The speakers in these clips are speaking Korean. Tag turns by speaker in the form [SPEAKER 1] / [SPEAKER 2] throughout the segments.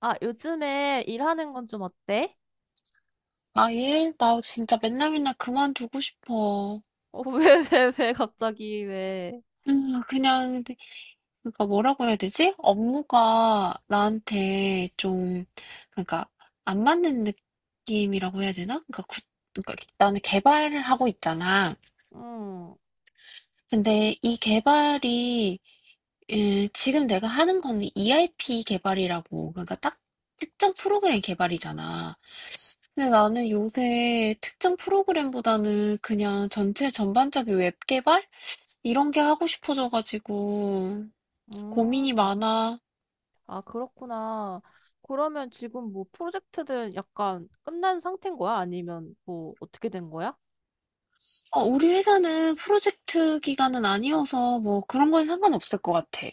[SPEAKER 1] 아, 요즘에 일하는 건 좀 어때?
[SPEAKER 2] 아, 예? 나 진짜 맨날 맨날 그만두고 싶어.
[SPEAKER 1] 왜, 왜, 왜, 갑자기, 왜?
[SPEAKER 2] 그냥, 그러니까 뭐라고 해야 되지? 업무가 나한테 좀, 그러니까 안 맞는 느낌이라고 해야 되나? 그러니까 나는 개발을 하고 있잖아.
[SPEAKER 1] 음,
[SPEAKER 2] 근데 이 개발이, 지금 내가 하는 거는 ERP 개발이라고, 그러니까 딱 특정 프로그램 개발이잖아. 근데 나는 요새 특정 프로그램보다는 그냥 전체 전반적인 웹 개발? 이런 게 하고 싶어져가지고 고민이
[SPEAKER 1] 음.
[SPEAKER 2] 많아.
[SPEAKER 1] 아, 그렇구나. 그러면 지금 뭐 프로젝트는 약간 끝난 상태인 거야? 아니면 뭐 어떻게 된 거야?
[SPEAKER 2] 어, 우리 회사는 프로젝트 기간은 아니어서 뭐 그런 건 상관없을 것 같아.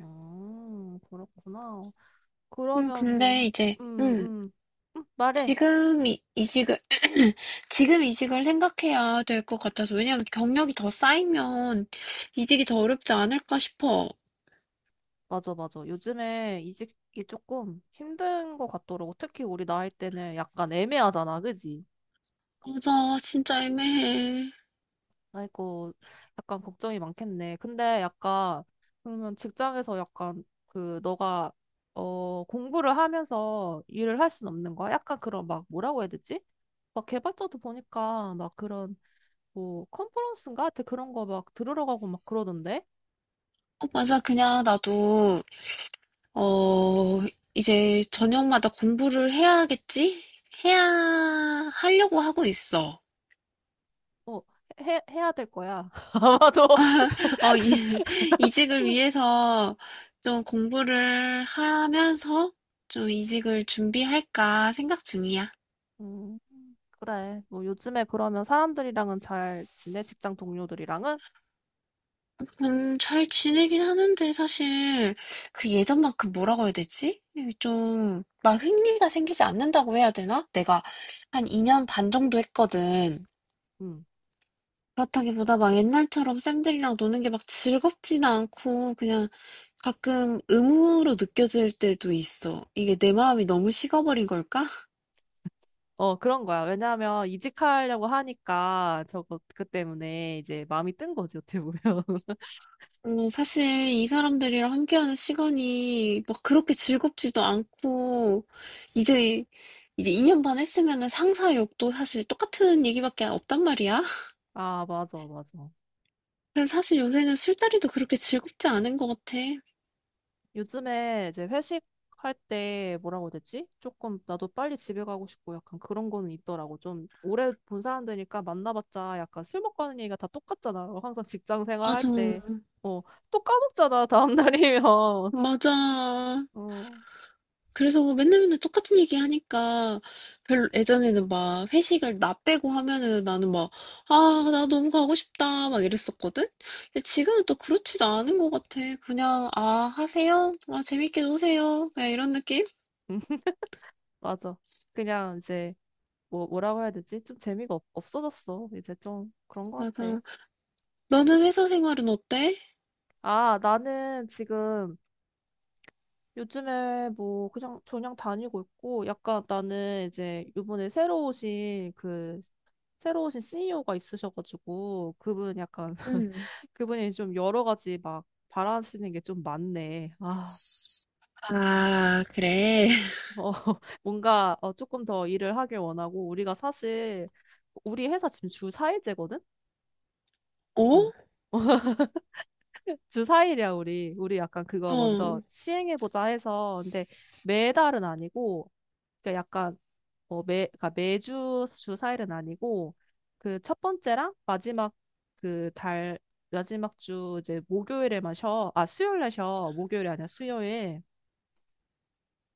[SPEAKER 1] 그렇구나. 그러면 뭐,
[SPEAKER 2] 근데 이제,
[SPEAKER 1] 음, 음, 말해.
[SPEAKER 2] 지금 이, 이직을, 지금 이직을 생각해야 될 것 같아서. 왜냐면 경력이 더 쌓이면 이직이 더 어렵지 않을까 싶어.
[SPEAKER 1] 맞아, 맞아. 요즘에 이직이 조금 힘든 것 같더라고. 특히 우리 나이 때는 약간 애매하잖아, 그지?
[SPEAKER 2] 맞아, 진짜 애매해.
[SPEAKER 1] 아이고, 약간 걱정이 많겠네. 근데 약간, 그러면 직장에서 약간, 그, 너가, 공부를 하면서 일을 할 순 없는 거야? 약간 그런 막, 뭐라고 해야 되지? 막 개발자도 보니까 막 그런, 뭐, 컨퍼런스인가? 하여튼 그런 거 막 들으러 가고 막 그러던데?
[SPEAKER 2] 어, 맞아, 그냥 나도 어, 이제 저녁마다 공부를 해야겠지? 해야 하려고 하고 있어.
[SPEAKER 1] 어, 해야 될 거야. 아마도.
[SPEAKER 2] 어, 이직을 위해서 좀 공부를 하면서 좀 이직을 준비할까 생각 중이야.
[SPEAKER 1] 음, 그래. 뭐, 요즘에 그러면 사람들이랑은 잘 지내? 직장 동료들이랑은?
[SPEAKER 2] 잘 지내긴 하는데 사실 그 예전만큼 뭐라고 해야 되지? 좀 막 흥미가 생기지 않는다고 해야 되나? 내가 한 2년 반 정도 했거든.
[SPEAKER 1] 음.
[SPEAKER 2] 그렇다기보다 막 옛날처럼 쌤들이랑 노는 게 막 즐겁지는 않고 그냥 가끔 의무로 느껴질 때도 있어. 이게 내 마음이 너무 식어버린 걸까?
[SPEAKER 1] 그런 거야. 왜냐하면 이직하려고 하니까 저거 그 때문에 이제 마음이 뜬 거지, 어떻게 보면.
[SPEAKER 2] 사실 이 사람들이랑 함께하는 시간이 막 그렇게 즐겁지도 않고 이제 2년 반 했으면은 상사 욕도 사실 똑같은 얘기밖에 없단 말이야.
[SPEAKER 1] 아, 맞아, 맞아.
[SPEAKER 2] 그래서 사실 요새는 술자리도 그렇게 즐겁지 않은 것 같아.
[SPEAKER 1] 요즘에 이제 회식할 때 뭐라고 해야 되지? 조금 나도 빨리 집에 가고 싶고 약간 그런 거는 있더라고. 좀 오래 본 사람들이니까 만나봤자 약간 술 먹고 하는 얘기가 다 똑같잖아. 항상 직장 생활할
[SPEAKER 2] 맞아,
[SPEAKER 1] 때. 어, 또 까먹잖아, 다음날이면.
[SPEAKER 2] 맞아.
[SPEAKER 1] 어,
[SPEAKER 2] 그래서 맨날 맨날 똑같은 얘기 하니까 별로 예전에는 막 회식을 나 빼고 하면은 나는 막, 아, 나 너무 가고 싶다 막 이랬었거든? 근데 지금은 또 그렇지도 않은 것 같아. 그냥, 아, 하세요? 아, 재밌게 노세요? 그냥 이런 느낌?
[SPEAKER 1] 맞아. 그냥 이제 뭐, 뭐라고 해야 되지? 좀 없어졌어. 이제 좀 그런 거 같아.
[SPEAKER 2] 맞아. 너는 회사 생활은 어때?
[SPEAKER 1] 아, 나는 지금 요즘에 뭐 그냥 저냥 다니고 있고 약간 나는 이제 요번에 새로 오신 CEO가 있으셔가지고 그분 약간
[SPEAKER 2] 응.
[SPEAKER 1] 그분이 좀 여러 가지 막 바라시는 게 좀 많네. 아,
[SPEAKER 2] 아, 그래.
[SPEAKER 1] 어, 뭔가 조금 더 일을 하길 원하고 우리가 사실 우리 회사 지금 주 4일제거든?
[SPEAKER 2] 어?
[SPEAKER 1] 어. 주 4일이야, 우리. 우리 약간 그거 먼저
[SPEAKER 2] 어.
[SPEAKER 1] 시행해보자 해서. 근데 매달은 아니고, 그러니까 약간, 뭐 그러니까 매주 주 4일은 아니고, 그 첫 번째랑 마지막 그 달, 마지막 주 이제 목요일에만 쉬어. 아, 수요일에 쉬어. 목요일이 아니야, 수요일.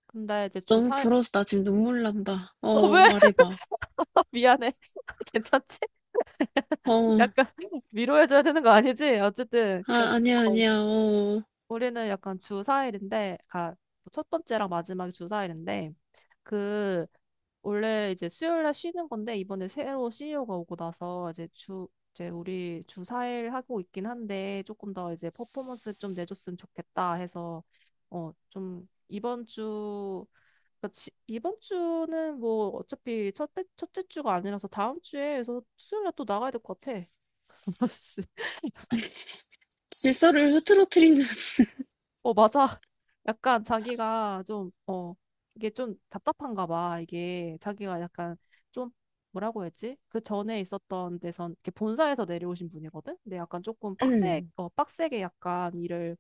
[SPEAKER 1] 근데 이제 주
[SPEAKER 2] 너무
[SPEAKER 1] 4일,
[SPEAKER 2] 부러워서 나 지금 눈물 난다.
[SPEAKER 1] 어, 왜?
[SPEAKER 2] 말해봐.
[SPEAKER 1] 미안해. 괜찮지?
[SPEAKER 2] 어.
[SPEAKER 1] 약간 위로해줘야 되는 거 아니지? 어쨌든,
[SPEAKER 2] 아,
[SPEAKER 1] 그,
[SPEAKER 2] 아니야,
[SPEAKER 1] 어,
[SPEAKER 2] 아니야. 어.
[SPEAKER 1] 우리는 약간 주 4일인데, 그러니까 첫 번째랑 마지막이 주 4일인데, 그 원래 이제 수요일 날 쉬는 건데 이번에 새로 CEO가 오고 나서 이제 우리 주 4일 하고 있긴 한데 조금 더 이제 퍼포먼스를 좀 내줬으면 좋겠다 해서 좀 이번 주 그러니까 이번 주는 뭐 어차피 첫째 주가 아니라서 다음 주에 서 수요일 날 또 나가야 될 것 같아.
[SPEAKER 2] 질서를 흐트러뜨리는.
[SPEAKER 1] 어, 맞아. 약간 자기가 좀, 이게 좀 답답한가 봐. 이게 자기가 약간 좀, 뭐라고 했지? 그 전에 있었던 데선, 이렇게 본사에서 내려오신 분이거든? 근데 약간 조금
[SPEAKER 2] 응.
[SPEAKER 1] 빡세게 약간 일을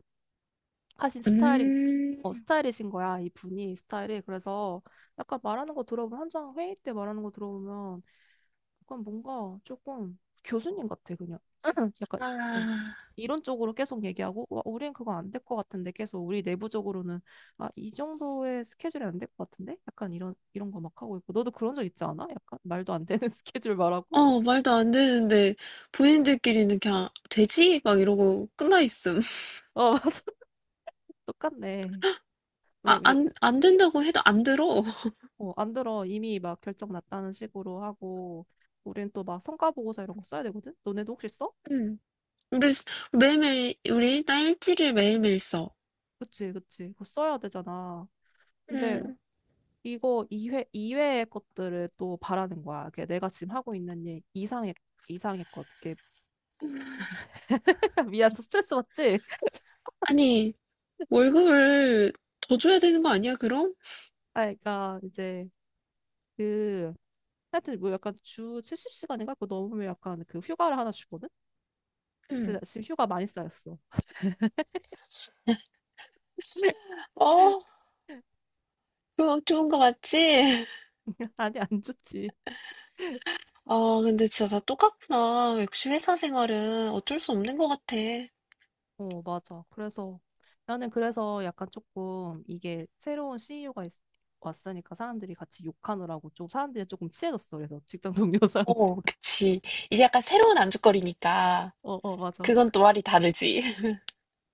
[SPEAKER 1] 하신 스타일인,
[SPEAKER 2] 음.
[SPEAKER 1] 스타일이신 거야. 이 분이 스타일이. 그래서 약간 말하는 거 들어보면, 한창 회의 때 말하는 거 들어보면, 약간 뭔가 조금 교수님 같아, 그냥. 약간, 어,
[SPEAKER 2] 아.
[SPEAKER 1] 이런 쪽으로 계속 얘기하고 와, 우린 그거 안 될 것 같은데 계속 우리 내부적으로는 아, 이 정도의 스케줄이 안 될 것 같은데 약간 이런 이런 거 막 하고 있고 너도 그런 적 있지 않아? 약간 말도 안 되는 스케줄 말하고
[SPEAKER 2] 어, 말도 안 되는데, 본인들끼리는 그냥, 되지? 막 이러고 끝나 있음.
[SPEAKER 1] 어 맞아 똑같네 왜
[SPEAKER 2] 아,
[SPEAKER 1] 왜
[SPEAKER 2] 안 된다고 해도 안 들어.
[SPEAKER 1] 안 들어 이미 막 결정 났다는 식으로 하고 우린 또 막 성과 보고서 이런 거 써야 되거든 너네도 혹시 써?
[SPEAKER 2] 음. 우리, 매일매일, 우리 일지를 매일매일 써.
[SPEAKER 1] 그치 그치 그거 써야 되잖아 근데
[SPEAKER 2] 음.
[SPEAKER 1] 이거 이회이외의 것들을 또 바라는 거야. 이게 내가 지금 하고 있는 일 이상의, 이상의 것, 이게 미안, 너 스트레스 받지?
[SPEAKER 2] 아니, 월급을 더 줘야 되는 거 아니야, 그럼?
[SPEAKER 1] 아, 그러니까 이제 그 하여튼 뭐 약간 주 70시간인가 그거 넘으면 약간 그 휴가를 하나 주거든? 근데
[SPEAKER 2] 음.
[SPEAKER 1] 나 지금 휴가 많이 쌓였어.
[SPEAKER 2] 어, 그럼 좋은 거 맞지?
[SPEAKER 1] 아니, 안 좋지.
[SPEAKER 2] 아, 근데 진짜 다 똑같구나. 역시 회사 생활은 어쩔 수 없는 것 같아.
[SPEAKER 1] 어, 맞아. 그래서 나는 그래서 약간 조금 이게 새로운 CEO가 왔으니까 사람들이 같이 욕하느라고 좀 사람들이 조금 치해졌어 그래서 직장 동료 사람들이.
[SPEAKER 2] 어, 그치. 이게 약간 새로운 안주거리니까
[SPEAKER 1] 어, 어, 맞아.
[SPEAKER 2] 그건 또 말이 다르지.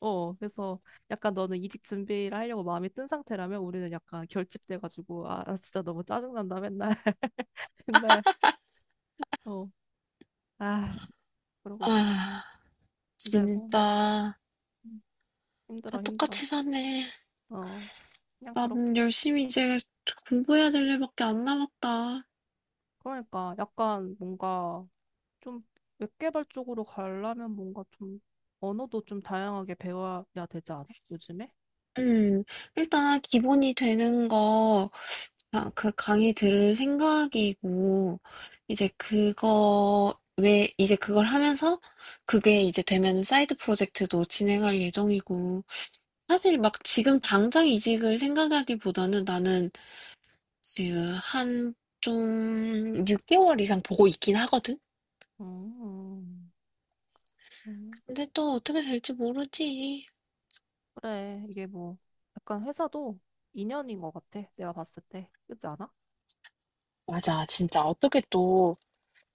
[SPEAKER 1] 어, 그래서 약간 너는 이직 준비를 하려고 마음이 든 상태라면 우리는 약간 결집돼가지고 아, 진짜 너무 짜증난다 맨날 근데 어, 아, 그러고 있어.
[SPEAKER 2] 아,
[SPEAKER 1] 근데 뭐
[SPEAKER 2] 진짜
[SPEAKER 1] 음,
[SPEAKER 2] 다
[SPEAKER 1] 힘들어, 힘들어.
[SPEAKER 2] 똑같이 사네.
[SPEAKER 1] 어, 그냥
[SPEAKER 2] 난
[SPEAKER 1] 그렇게.
[SPEAKER 2] 열심히 이제 공부해야 될 일밖에 안 남았다.
[SPEAKER 1] 그러니까 약간 뭔가 좀 웹개발 쪽으로 가려면 뭔가 좀 언어도 좀 다양하게 배워야 되지 않아? 요즘에?
[SPEAKER 2] 음, 일단 기본이 되는 거, 아, 그 강의 들을 생각이고, 이제 그거, 왜, 이제 그걸 하면서 그게 이제 되면 사이드 프로젝트도 진행할 예정이고, 사실 막 지금 당장 이직을 생각하기보다는 나는 지금 한 좀 6개월 이상 보고 있긴 하거든?
[SPEAKER 1] 음, 음,
[SPEAKER 2] 근데 또 어떻게 될지 모르지.
[SPEAKER 1] 그래. 이게 뭐 약간 회사도 인연인 것 같아. 내가 봤을 때. 그렇지 않아?
[SPEAKER 2] 맞아, 진짜 어떻게 또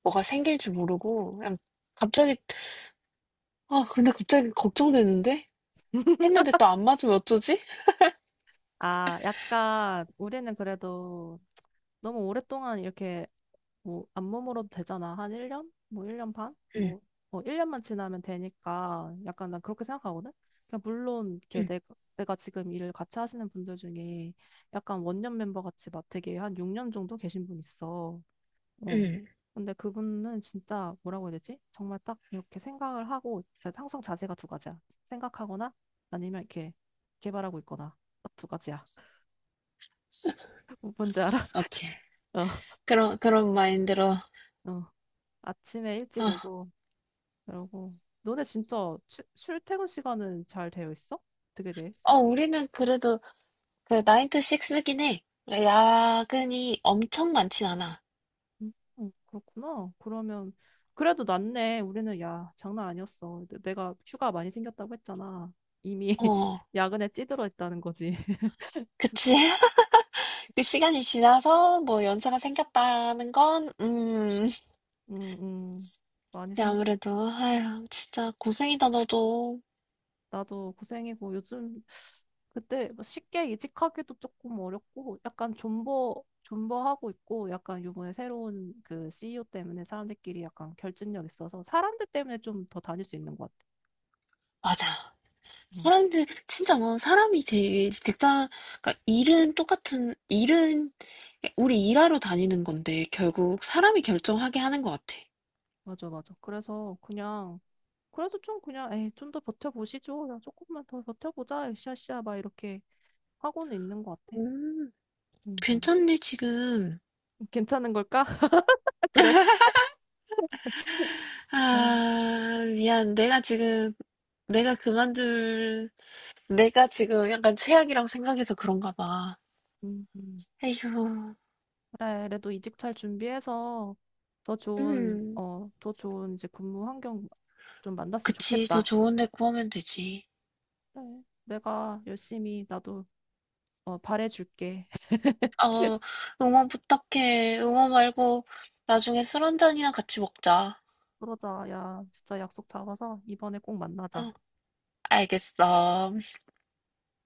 [SPEAKER 2] 뭐가 생길지 모르고 그냥 갑자기 아 근데 갑자기 걱정되는데? 했는데 또 안 맞으면 어쩌지?
[SPEAKER 1] 아, 약간 우리는 그래도 너무 오랫동안 이렇게 뭐 안 머물어도 되잖아. 한 1년? 뭐 1년 반?
[SPEAKER 2] 응,
[SPEAKER 1] 뭐 1년만 지나면 되니까 약간 난 그렇게 생각하거든. 그냥 물론 이렇게
[SPEAKER 2] 응,
[SPEAKER 1] 내가 지금 일을 같이 하시는 분들 중에 약간 원년 멤버 같이 막 되게 한 6년 정도 계신 분 있어. 어.
[SPEAKER 2] 응.
[SPEAKER 1] 근데 그분은 진짜 뭐라고 해야 되지? 정말 딱 이렇게 생각을 하고 그러니까 항상 자세가 두 가지야. 생각하거나 아니면 이렇게 개발하고 있거나 딱 두 가지야. 뭔지 알아?
[SPEAKER 2] 오케이. 그런 마인드로
[SPEAKER 1] 어. 어. 아침에 일찍
[SPEAKER 2] 아,
[SPEAKER 1] 오고 그러고 너네 진짜 출퇴근 시간은 잘 되어 있어? 어떻게 되어 있어?
[SPEAKER 2] 우리는 그래도 그 9 to 6긴 해. 야근이 엄청 많진 않아.
[SPEAKER 1] 음, 그렇구나. 그러면 그래도 낫네. 우리는 야, 장난 아니었어. 내가 휴가 많이 생겼다고 했잖아. 이미
[SPEAKER 2] 어,
[SPEAKER 1] 야근에 찌들어 있다는 거지.
[SPEAKER 2] 그치? 그 시간이 지나서 뭐 연차가 생겼다는 건,
[SPEAKER 1] 음, 음, 많이
[SPEAKER 2] 이제
[SPEAKER 1] 생겼어.
[SPEAKER 2] 아무래도, 아휴, 진짜 고생이다, 너도.
[SPEAKER 1] 나도 고생이고 요즘 그때 뭐 쉽게 이직하기도 조금 어렵고 약간 존버하고 있고 약간 요번에 새로운 그 CEO 때문에 사람들끼리 약간 결집력 있어서 사람들 때문에 좀 더 다닐 수 있는 것 같아.
[SPEAKER 2] 맞아.
[SPEAKER 1] 응,
[SPEAKER 2] 사람들, 진짜 뭐, 사람이 제일, 직장, 그러니까 일은 똑같은, 일은, 우리 일하러 다니는 건데, 결국 사람이 결정하게 하는 것 같아.
[SPEAKER 1] 맞아 맞아. 그래서 그냥 그래서 좀 그냥 에이 좀 더 버텨보시죠. 그냥 조금만 더 버텨보자. 으쌰으쌰 막 이렇게 하고는 있는 것 같아.
[SPEAKER 2] 음,
[SPEAKER 1] 응, 응.
[SPEAKER 2] 괜찮네, 지금.
[SPEAKER 1] 괜찮은 걸까? 그래. 아,
[SPEAKER 2] 아, 미안. 내가 그만둘, 내가 지금 약간 최악이라고 생각해서 그런가 봐.
[SPEAKER 1] 음, 음.
[SPEAKER 2] 에휴,
[SPEAKER 1] 그래, 그래도 이직 잘 준비해서 더 좋은,
[SPEAKER 2] 음.
[SPEAKER 1] 더 좋은 이제 근무 환경 좀 만났으면
[SPEAKER 2] 그치. 더
[SPEAKER 1] 좋겠다.
[SPEAKER 2] 좋은 데 구하면 되지.
[SPEAKER 1] 그래, 내가 열심히 나도 바래줄게.
[SPEAKER 2] 어, 응원 부탁해. 응원 말고 나중에 술 한 잔이나 같이 먹자.
[SPEAKER 1] 그러자, 야, 진짜 약속 잡아서 이번에 꼭 만나자.
[SPEAKER 2] 응, 알겠어.